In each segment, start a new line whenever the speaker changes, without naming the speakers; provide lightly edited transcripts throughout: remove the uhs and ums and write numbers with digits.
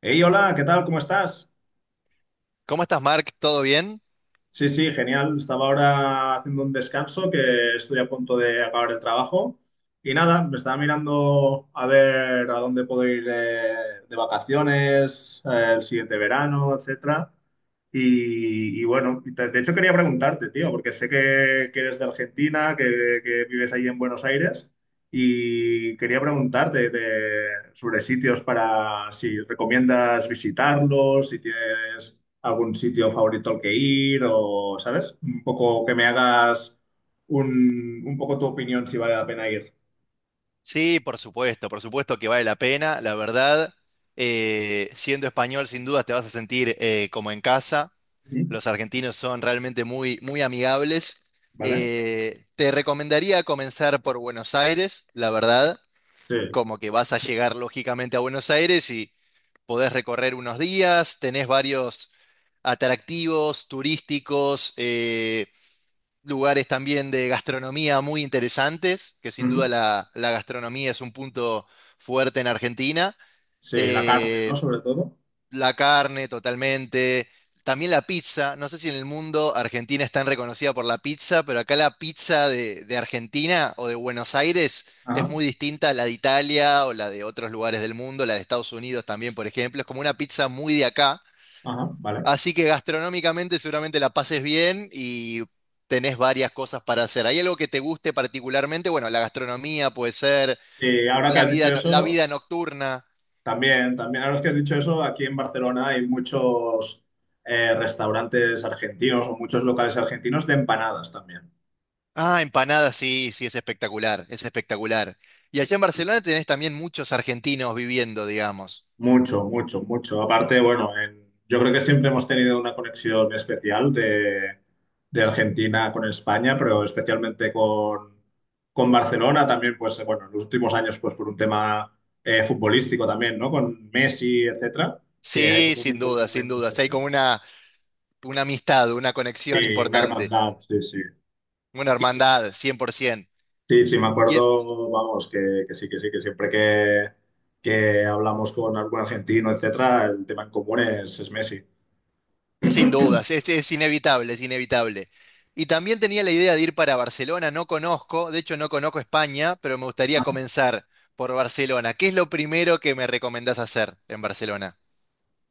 Hey, hola, ¿qué tal? ¿Cómo estás?
¿Cómo estás, Mark? ¿Todo bien?
Sí, sí, genial. Estaba ahora haciendo un descanso que estoy a punto de acabar el trabajo. Y nada, me estaba mirando a ver a dónde puedo ir de vacaciones, el siguiente verano, etcétera. Y bueno, de hecho quería preguntarte, tío, porque sé que eres de Argentina, que vives ahí en Buenos Aires. Y quería preguntarte sobre sitios para si recomiendas visitarlos, si tienes algún sitio favorito al que ir o, ¿sabes? Un poco que me hagas un poco tu opinión si vale la pena ir.
Sí, por supuesto que vale la pena. La verdad, siendo español, sin duda te vas a sentir como en casa.
Ujú.
Los argentinos son realmente muy amigables.
¿Vale?
Te recomendaría comenzar por Buenos Aires, la verdad,
Sí.
como que vas a llegar lógicamente a Buenos Aires y podés recorrer unos días, tenés varios atractivos turísticos. Lugares también de gastronomía muy interesantes, que sin duda
Ujú.
la gastronomía es un punto fuerte en Argentina.
Sí, la carne,
Eh,
¿no? Sobre todo.
la carne totalmente, también la pizza. No sé si en el mundo Argentina es tan reconocida por la pizza, pero acá la pizza de Argentina o de Buenos Aires es
Ajá,
muy distinta a la de Italia o la de otros lugares del mundo, la de Estados Unidos también, por ejemplo. Es como una pizza muy de acá.
ajá, vale.
Así que gastronómicamente seguramente la pases bien y tenés varias cosas para hacer. ¿Hay algo que te guste particularmente? Bueno, la gastronomía puede ser,
Ahora que
la
has
vida,
dicho
no- la
eso,
vida nocturna.
también, también, ahora que has dicho eso, aquí en Barcelona hay muchos restaurantes argentinos o muchos locales argentinos de empanadas también.
Ah, empanadas, sí, sí, es espectacular, es espectacular. Y allá en Barcelona tenés también muchos argentinos viviendo, digamos.
Mucho, mucho, mucho. Aparte, bueno, yo creo que siempre hemos tenido una conexión especial de Argentina con España, pero especialmente con Barcelona también, pues bueno, en los últimos años, pues por un tema futbolístico también, ¿no? Con Messi, etcétera, que hay
Sí,
como un
sin
vínculo
duda,
muy,
sin
muy
duda. Sí, hay
fuerte.
como una amistad, una conexión
Sí, una
importante,
hermandad, sí, sí.
una hermandad, 100%.
Sí, sí, me
Y,
acuerdo, vamos, que sí, que sí, que siempre que hablamos con algún argentino, etcétera, el tema en común es Messi.
Sin dudas, es inevitable, es inevitable. Y también tenía la idea de ir para Barcelona, no conozco, de hecho no conozco España, pero me gustaría comenzar por Barcelona. ¿Qué es lo primero que me recomendás hacer en Barcelona?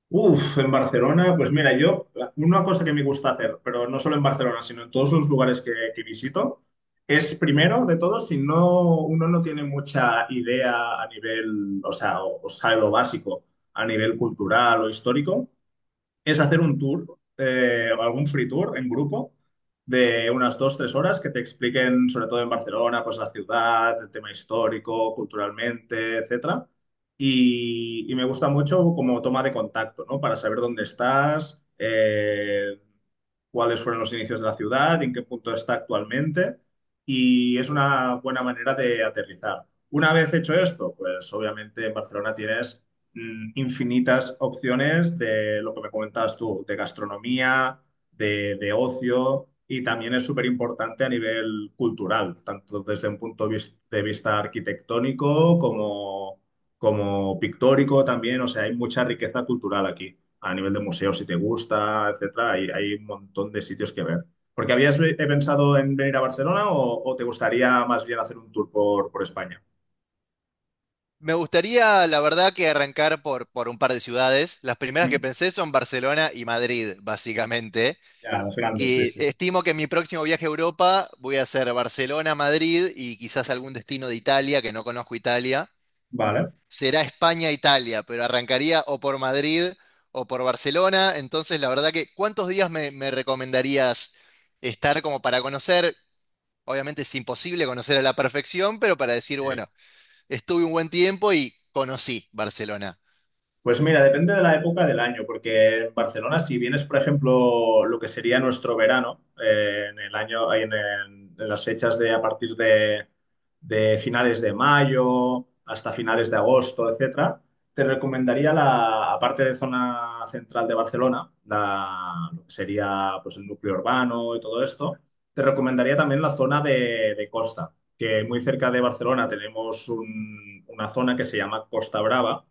Uf, en Barcelona, pues mira, yo, una cosa que me gusta hacer, pero no solo en Barcelona, sino en todos los lugares que visito, es primero de todo, si no, uno no tiene mucha idea a nivel, o sea, o sabe lo básico a nivel cultural o histórico, es hacer un tour, algún free tour en grupo de unas dos, tres horas que te expliquen, sobre todo en Barcelona, pues la ciudad, el tema histórico, culturalmente, etcétera. Y me gusta mucho como toma de contacto, ¿no? Para saber dónde estás, cuáles fueron los inicios de la ciudad, en qué punto está actualmente. Y es una buena manera de aterrizar. Una vez hecho esto, pues obviamente en Barcelona tienes infinitas opciones de lo que me comentabas tú, de gastronomía, de ocio, y también es súper importante a nivel cultural, tanto desde un de vista arquitectónico como, como pictórico también, o sea, hay mucha riqueza cultural aquí, a nivel de museos, si te gusta, etcétera, hay un montón de sitios que ver. Porque he pensado en venir a Barcelona o te gustaría más bien hacer un tour por España?
Me gustaría, la verdad, que arrancar por un par de ciudades. Las primeras
Ujú.
que pensé son Barcelona y Madrid, básicamente.
Ya, los grandes, sí,
Y
sí.
estimo que en mi próximo viaje a Europa voy a hacer Barcelona, Madrid y quizás algún destino de Italia, que no conozco Italia.
Vale.
Será España-Italia, pero arrancaría o por Madrid o por Barcelona. Entonces, la verdad que, ¿cuántos días me recomendarías estar como para conocer? Obviamente es imposible conocer a la perfección, pero para decir, bueno, estuve un buen tiempo y conocí Barcelona.
Pues mira, depende de la época del año, porque en Barcelona, si vienes, por ejemplo, lo que sería nuestro verano, en el año, en las fechas de a partir de finales de mayo hasta finales de agosto, etcétera, te recomendaría la, aparte de zona central de Barcelona, la, lo que sería pues el núcleo urbano y todo esto, te recomendaría también la zona de costa, que muy cerca de Barcelona tenemos una zona que se llama Costa Brava,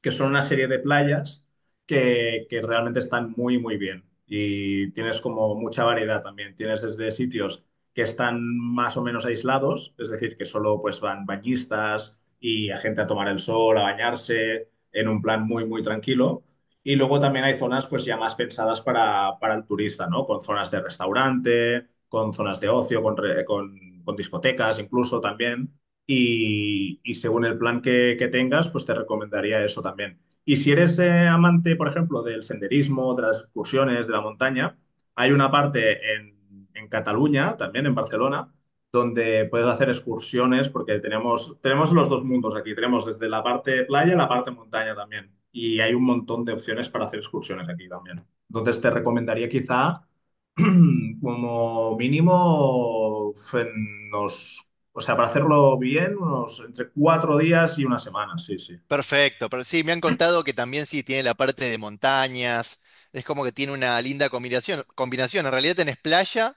que son una serie de playas que realmente están muy, muy bien. Y tienes como mucha variedad también. Tienes desde sitios que están más o menos aislados, es decir, que solo pues van bañistas y a gente a tomar el sol, a bañarse, en un plan muy, muy tranquilo. Y luego también hay zonas pues ya más pensadas para el turista, ¿no? Con zonas de restaurante, con zonas de ocio, con discotecas incluso también y según el plan que tengas, pues te recomendaría eso también. Y si eres amante, por ejemplo, del senderismo, de las excursiones, de la montaña, hay una parte en Cataluña, también en Barcelona, donde puedes hacer excursiones porque tenemos, tenemos los dos mundos aquí. Tenemos desde la parte playa y la parte montaña también. Y hay un montón de opciones para hacer excursiones aquí también. Entonces te recomendaría quizá como mínimo en unos, o sea, para hacerlo bien, unos entre cuatro días y una semana, sí, sí.
Perfecto, pero sí, me han contado que también sí tiene la parte de montañas, es como que tiene una linda combinación. En realidad tenés playa,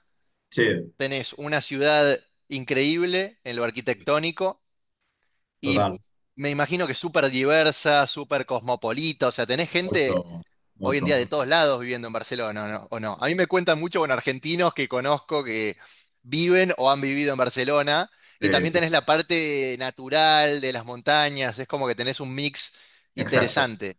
Sí,
tenés una ciudad increíble en lo arquitectónico. Y
total.
me imagino que súper diversa, súper cosmopolita, o sea, tenés gente
Mucho,
hoy en
mucho,
día de todos
mucho.
lados viviendo en Barcelona, ¿no? ¿O no? A mí me cuentan mucho con argentinos que conozco que viven o han vivido en Barcelona, y
Sí,
también
sí,
tenés
sí.
la parte natural de las montañas, es como que tenés un mix
Exacto.
interesante.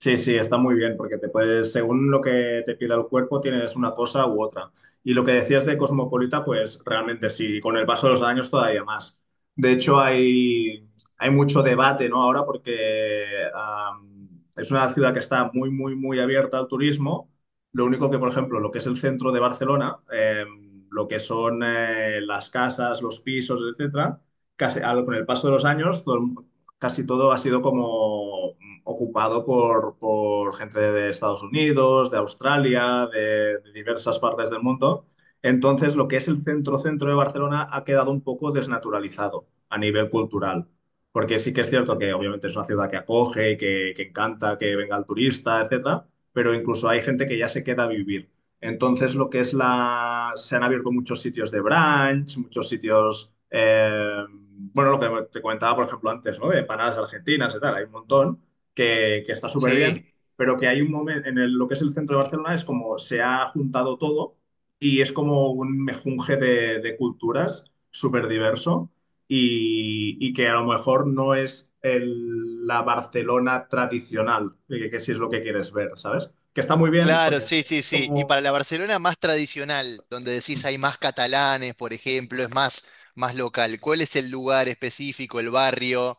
Sí, sí, está muy bien, porque te puedes, según lo que te pida el cuerpo, tienes una cosa u otra. Y lo que decías de cosmopolita, pues realmente sí, y con el paso de los años todavía más. De hecho, hay mucho debate, ¿no? Ahora, porque am, es una ciudad que está muy, muy, muy abierta al turismo. Lo único que, por ejemplo, lo que es el centro de Barcelona, lo que son las casas, los pisos, etcétera, con el paso de los años, casi todo ha sido como ocupado por, gente de Estados Unidos, de Australia, de diversas partes del mundo. Entonces, lo que es el centro-centro de Barcelona ha quedado un poco desnaturalizado a nivel cultural. Porque sí que es cierto que obviamente es una ciudad que acoge, que encanta que venga el turista, etcétera, pero incluso hay gente que ya se queda a vivir. Entonces, lo que es la. Se han abierto muchos sitios de brunch, muchos sitios. Bueno, lo que te comentaba, por ejemplo, antes, ¿no? De empanadas argentinas y tal, hay un montón que está súper
Sí,
bien, pero que hay un momento en lo que es el centro de Barcelona, es como se ha juntado todo y es como un mejunje de culturas súper diverso y que a lo mejor no es la Barcelona tradicional, que si es lo que quieres ver, ¿sabes? Que está muy bien, porque
claro,
es,
sí, sí,
es
sí. Y para
como...
la Barcelona más tradicional, donde decís hay más catalanes, por ejemplo, es más, más local, ¿cuál es el lugar específico, el barrio?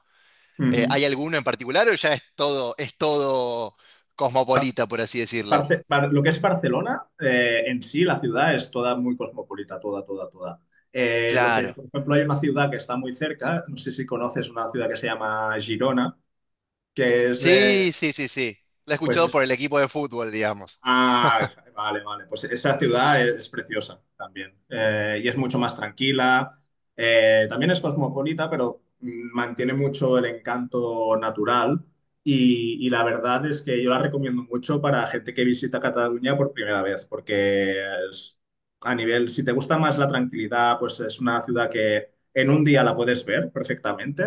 Ujú.
¿Hay alguno en particular o ya es todo cosmopolita, por así decirlo?
Lo que es Barcelona, en sí, la ciudad es toda muy cosmopolita, toda, toda, toda. Lo que,
Claro.
por ejemplo, hay una ciudad que está muy cerca, no sé si conoces una ciudad que se llama Girona, que es,
Sí, sí, sí, sí. La he
pues
escuchado
es.
por el equipo de fútbol, digamos.
Ah, vale, vale. Pues esa ciudad es preciosa también. Y es mucho más tranquila. También es cosmopolita, pero mantiene mucho el encanto natural. Y la verdad es que yo la recomiendo mucho para gente que visita Cataluña por primera vez, porque es- a nivel, si te gusta más la tranquilidad, pues es una ciudad que en un día la puedes ver perfectamente.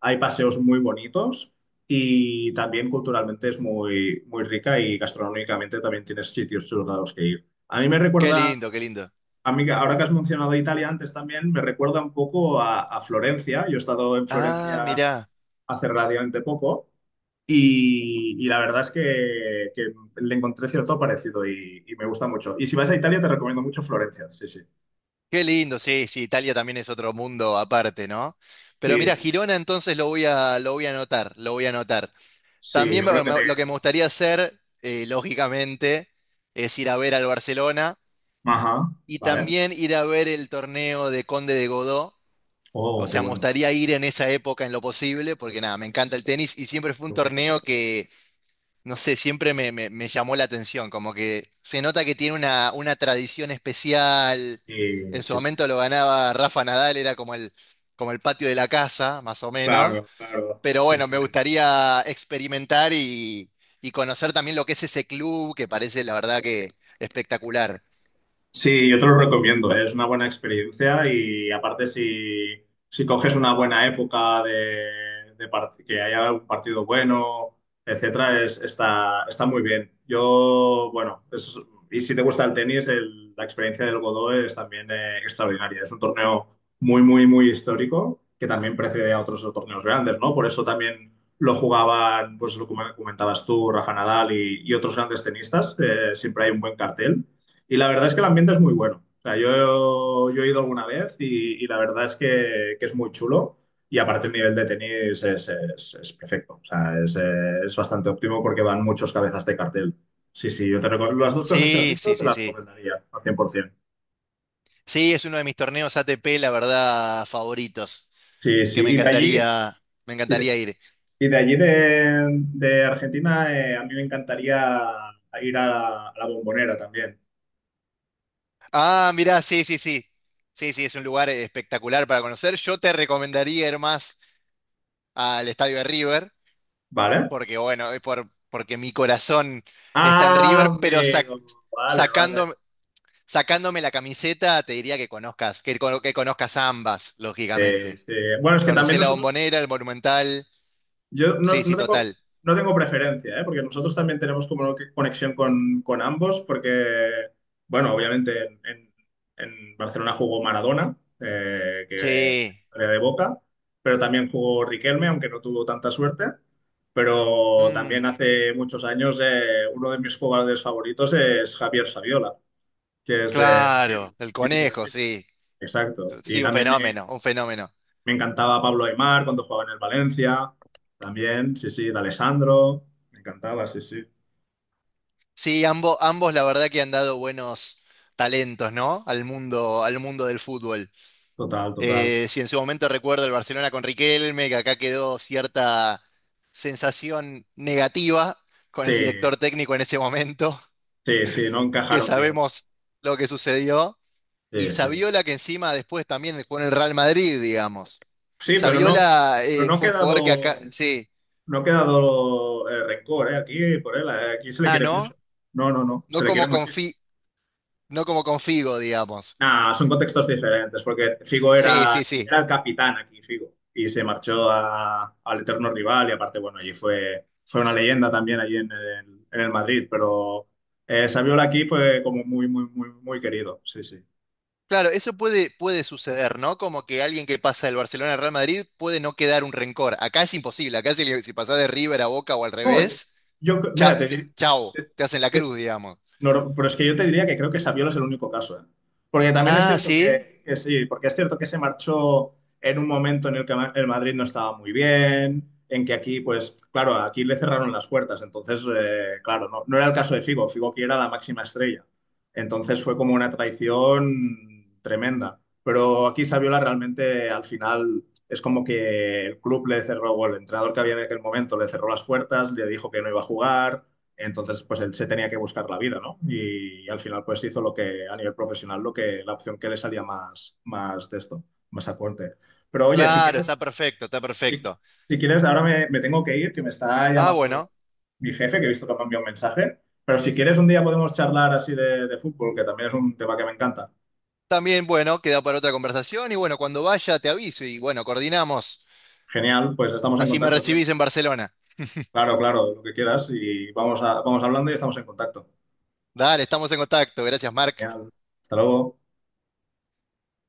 Hay paseos muy bonitos y también culturalmente es muy, muy rica y gastronómicamente también tienes sitios chulos a los que ir. A mí me
Qué
recuerda,
lindo, qué lindo.
a mí, ahora que has mencionado Italia antes también, me recuerda un poco a Florencia. Yo he estado en
Ah,
Florencia
mirá.
hace relativamente poco y la verdad es que le encontré cierto parecido y me gusta mucho. Y si vas a Italia te recomiendo mucho Florencia, sí, sí.
Qué lindo, sí, sí, Italia también es otro mundo aparte, ¿no? Pero
Sí,
mira,
sí.
Girona entonces lo voy a anotar, lo voy a anotar.
Sí,
También
yo creo que te...
lo que me gustaría hacer, lógicamente, es ir a ver al Barcelona
Ajá,
y
vale.
también ir a ver el torneo de Conde de Godó. O
Oh, qué
sea, me
bueno.
gustaría ir en esa época en lo posible, porque nada, me encanta el tenis y siempre fue un torneo que, no sé, me llamó la atención, como que se nota que tiene una tradición especial.
Y-
En su
sí, sí.
momento lo ganaba Rafa Nadal, era como el patio de la casa, más o menos.
Claro, claro.
Pero
Sí,
bueno,
sí.
me gustaría experimentar y conocer también lo que es ese club, que parece la verdad que espectacular.
Sí, yo te lo recomiendo, ¿eh? Es una buena experiencia y aparte si, si coges una buena época de, que haya un partido bueno, etcétera, es, está, está muy bien. Yo, bueno, y si te gusta el tenis, la experiencia del Godó es también extraordinaria. Es un torneo muy, muy, muy histórico que también precede a otros torneos grandes, ¿no? Por eso también lo jugaban, pues lo que comentabas tú, Rafa Nadal y otros grandes tenistas. Siempre hay un buen cartel. Y la verdad es que el ambiente es muy bueno. O sea, yo he ido alguna vez y la verdad es que es muy chulo. Y aparte el nivel de tenis es, es perfecto. O sea, es bastante óptimo porque van muchos cabezas de cartel. Sí, sí, yo te recomiendo las dos cosas que has
Sí,
dicho,
sí,
te
sí,
las
sí.
recomendaría al 100%.
Sí, es uno de mis torneos ATP, la verdad, favoritos.
Sí,
Que
sí,
me
y
encantaría
de,
ir.
y de allí de Argentina, a mí me encantaría ir a la Bombonera también,
Ah, mirá, sí, sí, sí. Sí, sí, es un lugar espectacular para conocer. Yo te recomendaría ir más al estadio de River,
¿vale?
porque bueno, porque mi corazón está en
Ah,
River, pero
amigo, vale, vale.
sacando, sacándome la camiseta, te diría que conozcas, que conozcas ambas,
Sí,
lógicamente.
sí. Bueno, es que
Conocé
también
la
nosotros.
Bombonera, el Monumental.
Yo no,
Sí,
no
sí,
tengo,
total.
no tengo preferencia, ¿eh? Porque nosotros también tenemos como que conexión con ambos, porque, bueno, obviamente en, en Barcelona jugó Maradona, que
Sí.
era de Boca, pero también jugó Riquelme, aunque no tuvo tanta suerte. Pero
Mm,
también hace muchos años uno de mis jugadores favoritos es Javier Saviola, que es de
claro,
Bilbao,
el
mítico de
conejo,
Bilbao.
sí.
Exacto. Y
Sí, un
también me,
fenómeno, un fenómeno.
me encantaba Pablo Aimar cuando jugaba en el Valencia, también, sí, sí, de Alessandro, me encantaba, sí, sí,
Sí, ambos, ambos la verdad que han dado buenos talentos, ¿no? Al mundo del fútbol.
total, total.
Si en su momento recuerdo el Barcelona con Riquelme, que acá quedó cierta sensación negativa con
Sí,
el director técnico en ese momento,
sí, sí, no
que
encajaron bien.
sabemos lo que sucedió. Y
Sí, sí.
Saviola, que encima después también jugó en el Real Madrid, digamos.
Sí, pero no,
Saviola
pero no ha
fue un jugador que acá.
quedado,
Sí.
no ha quedado rencor, aquí por él, aquí se le
Ah,
quiere mucho.
¿no?
No, no, no, se
No
le quiere
como con
muchísimo.
Fi- no como con Figo, digamos.
Nah, son contextos diferentes, porque Figo
Sí,
era,
sí, sí.
era el capitán aquí, Figo, y se marchó al eterno rival, y aparte, bueno, allí fue, fue una leyenda también allí en el Madrid, pero Saviola aquí fue como muy, muy, muy, muy querido, sí, sí.
Claro, eso puede, puede suceder, ¿no? Como que alguien que pasa del Barcelona al Real Madrid puede no quedar un rencor. Acá es imposible, acá si pasás de River a Boca o al
No,
revés,
Yo, cre- mira, te, dir-
chao, te hacen la
te,
cruz, digamos.
No, no, pero es que yo te diría que creo que Saviola es el único caso, ¿eh? Porque también es
Ah,
cierto
sí,
que sí, porque es cierto que se marchó en un momento en el que el Madrid no estaba muy bien, en que aquí, pues, claro, aquí le cerraron las puertas, entonces, claro, no, no era el caso de Figo, Figo que era la máxima estrella. Entonces fue como una traición tremenda. Pero aquí Saviola realmente al final es como que el club le cerró, o el entrenador que había en aquel momento le cerró las puertas, le dijo que no iba a jugar. Entonces, pues él se tenía que buscar la vida, ¿no? Y, al final, pues hizo lo que a nivel profesional, lo que la opción que le salía más, más de esto, más acorde. Pero oye, si
claro,
quieres,
está perfecto, está
si,
perfecto.
si quieres, ahora me, me tengo que ir, que me está
Ah,
llamando
bueno,
mi jefe, que he visto que me ha enviado un mensaje. Pero si quieres, un día podemos charlar así de fútbol, que también es un tema que me encanta.
también, bueno, queda para otra conversación y bueno, cuando vaya te aviso y bueno, coordinamos.
Genial, pues estamos en
Así me
contacto, tío.
recibís en Barcelona.
Claro, claro, lo que quieras y vamos a, vamos hablando y estamos en contacto.
Dale, estamos en contacto. Gracias, Marc.
Genial. Hasta luego.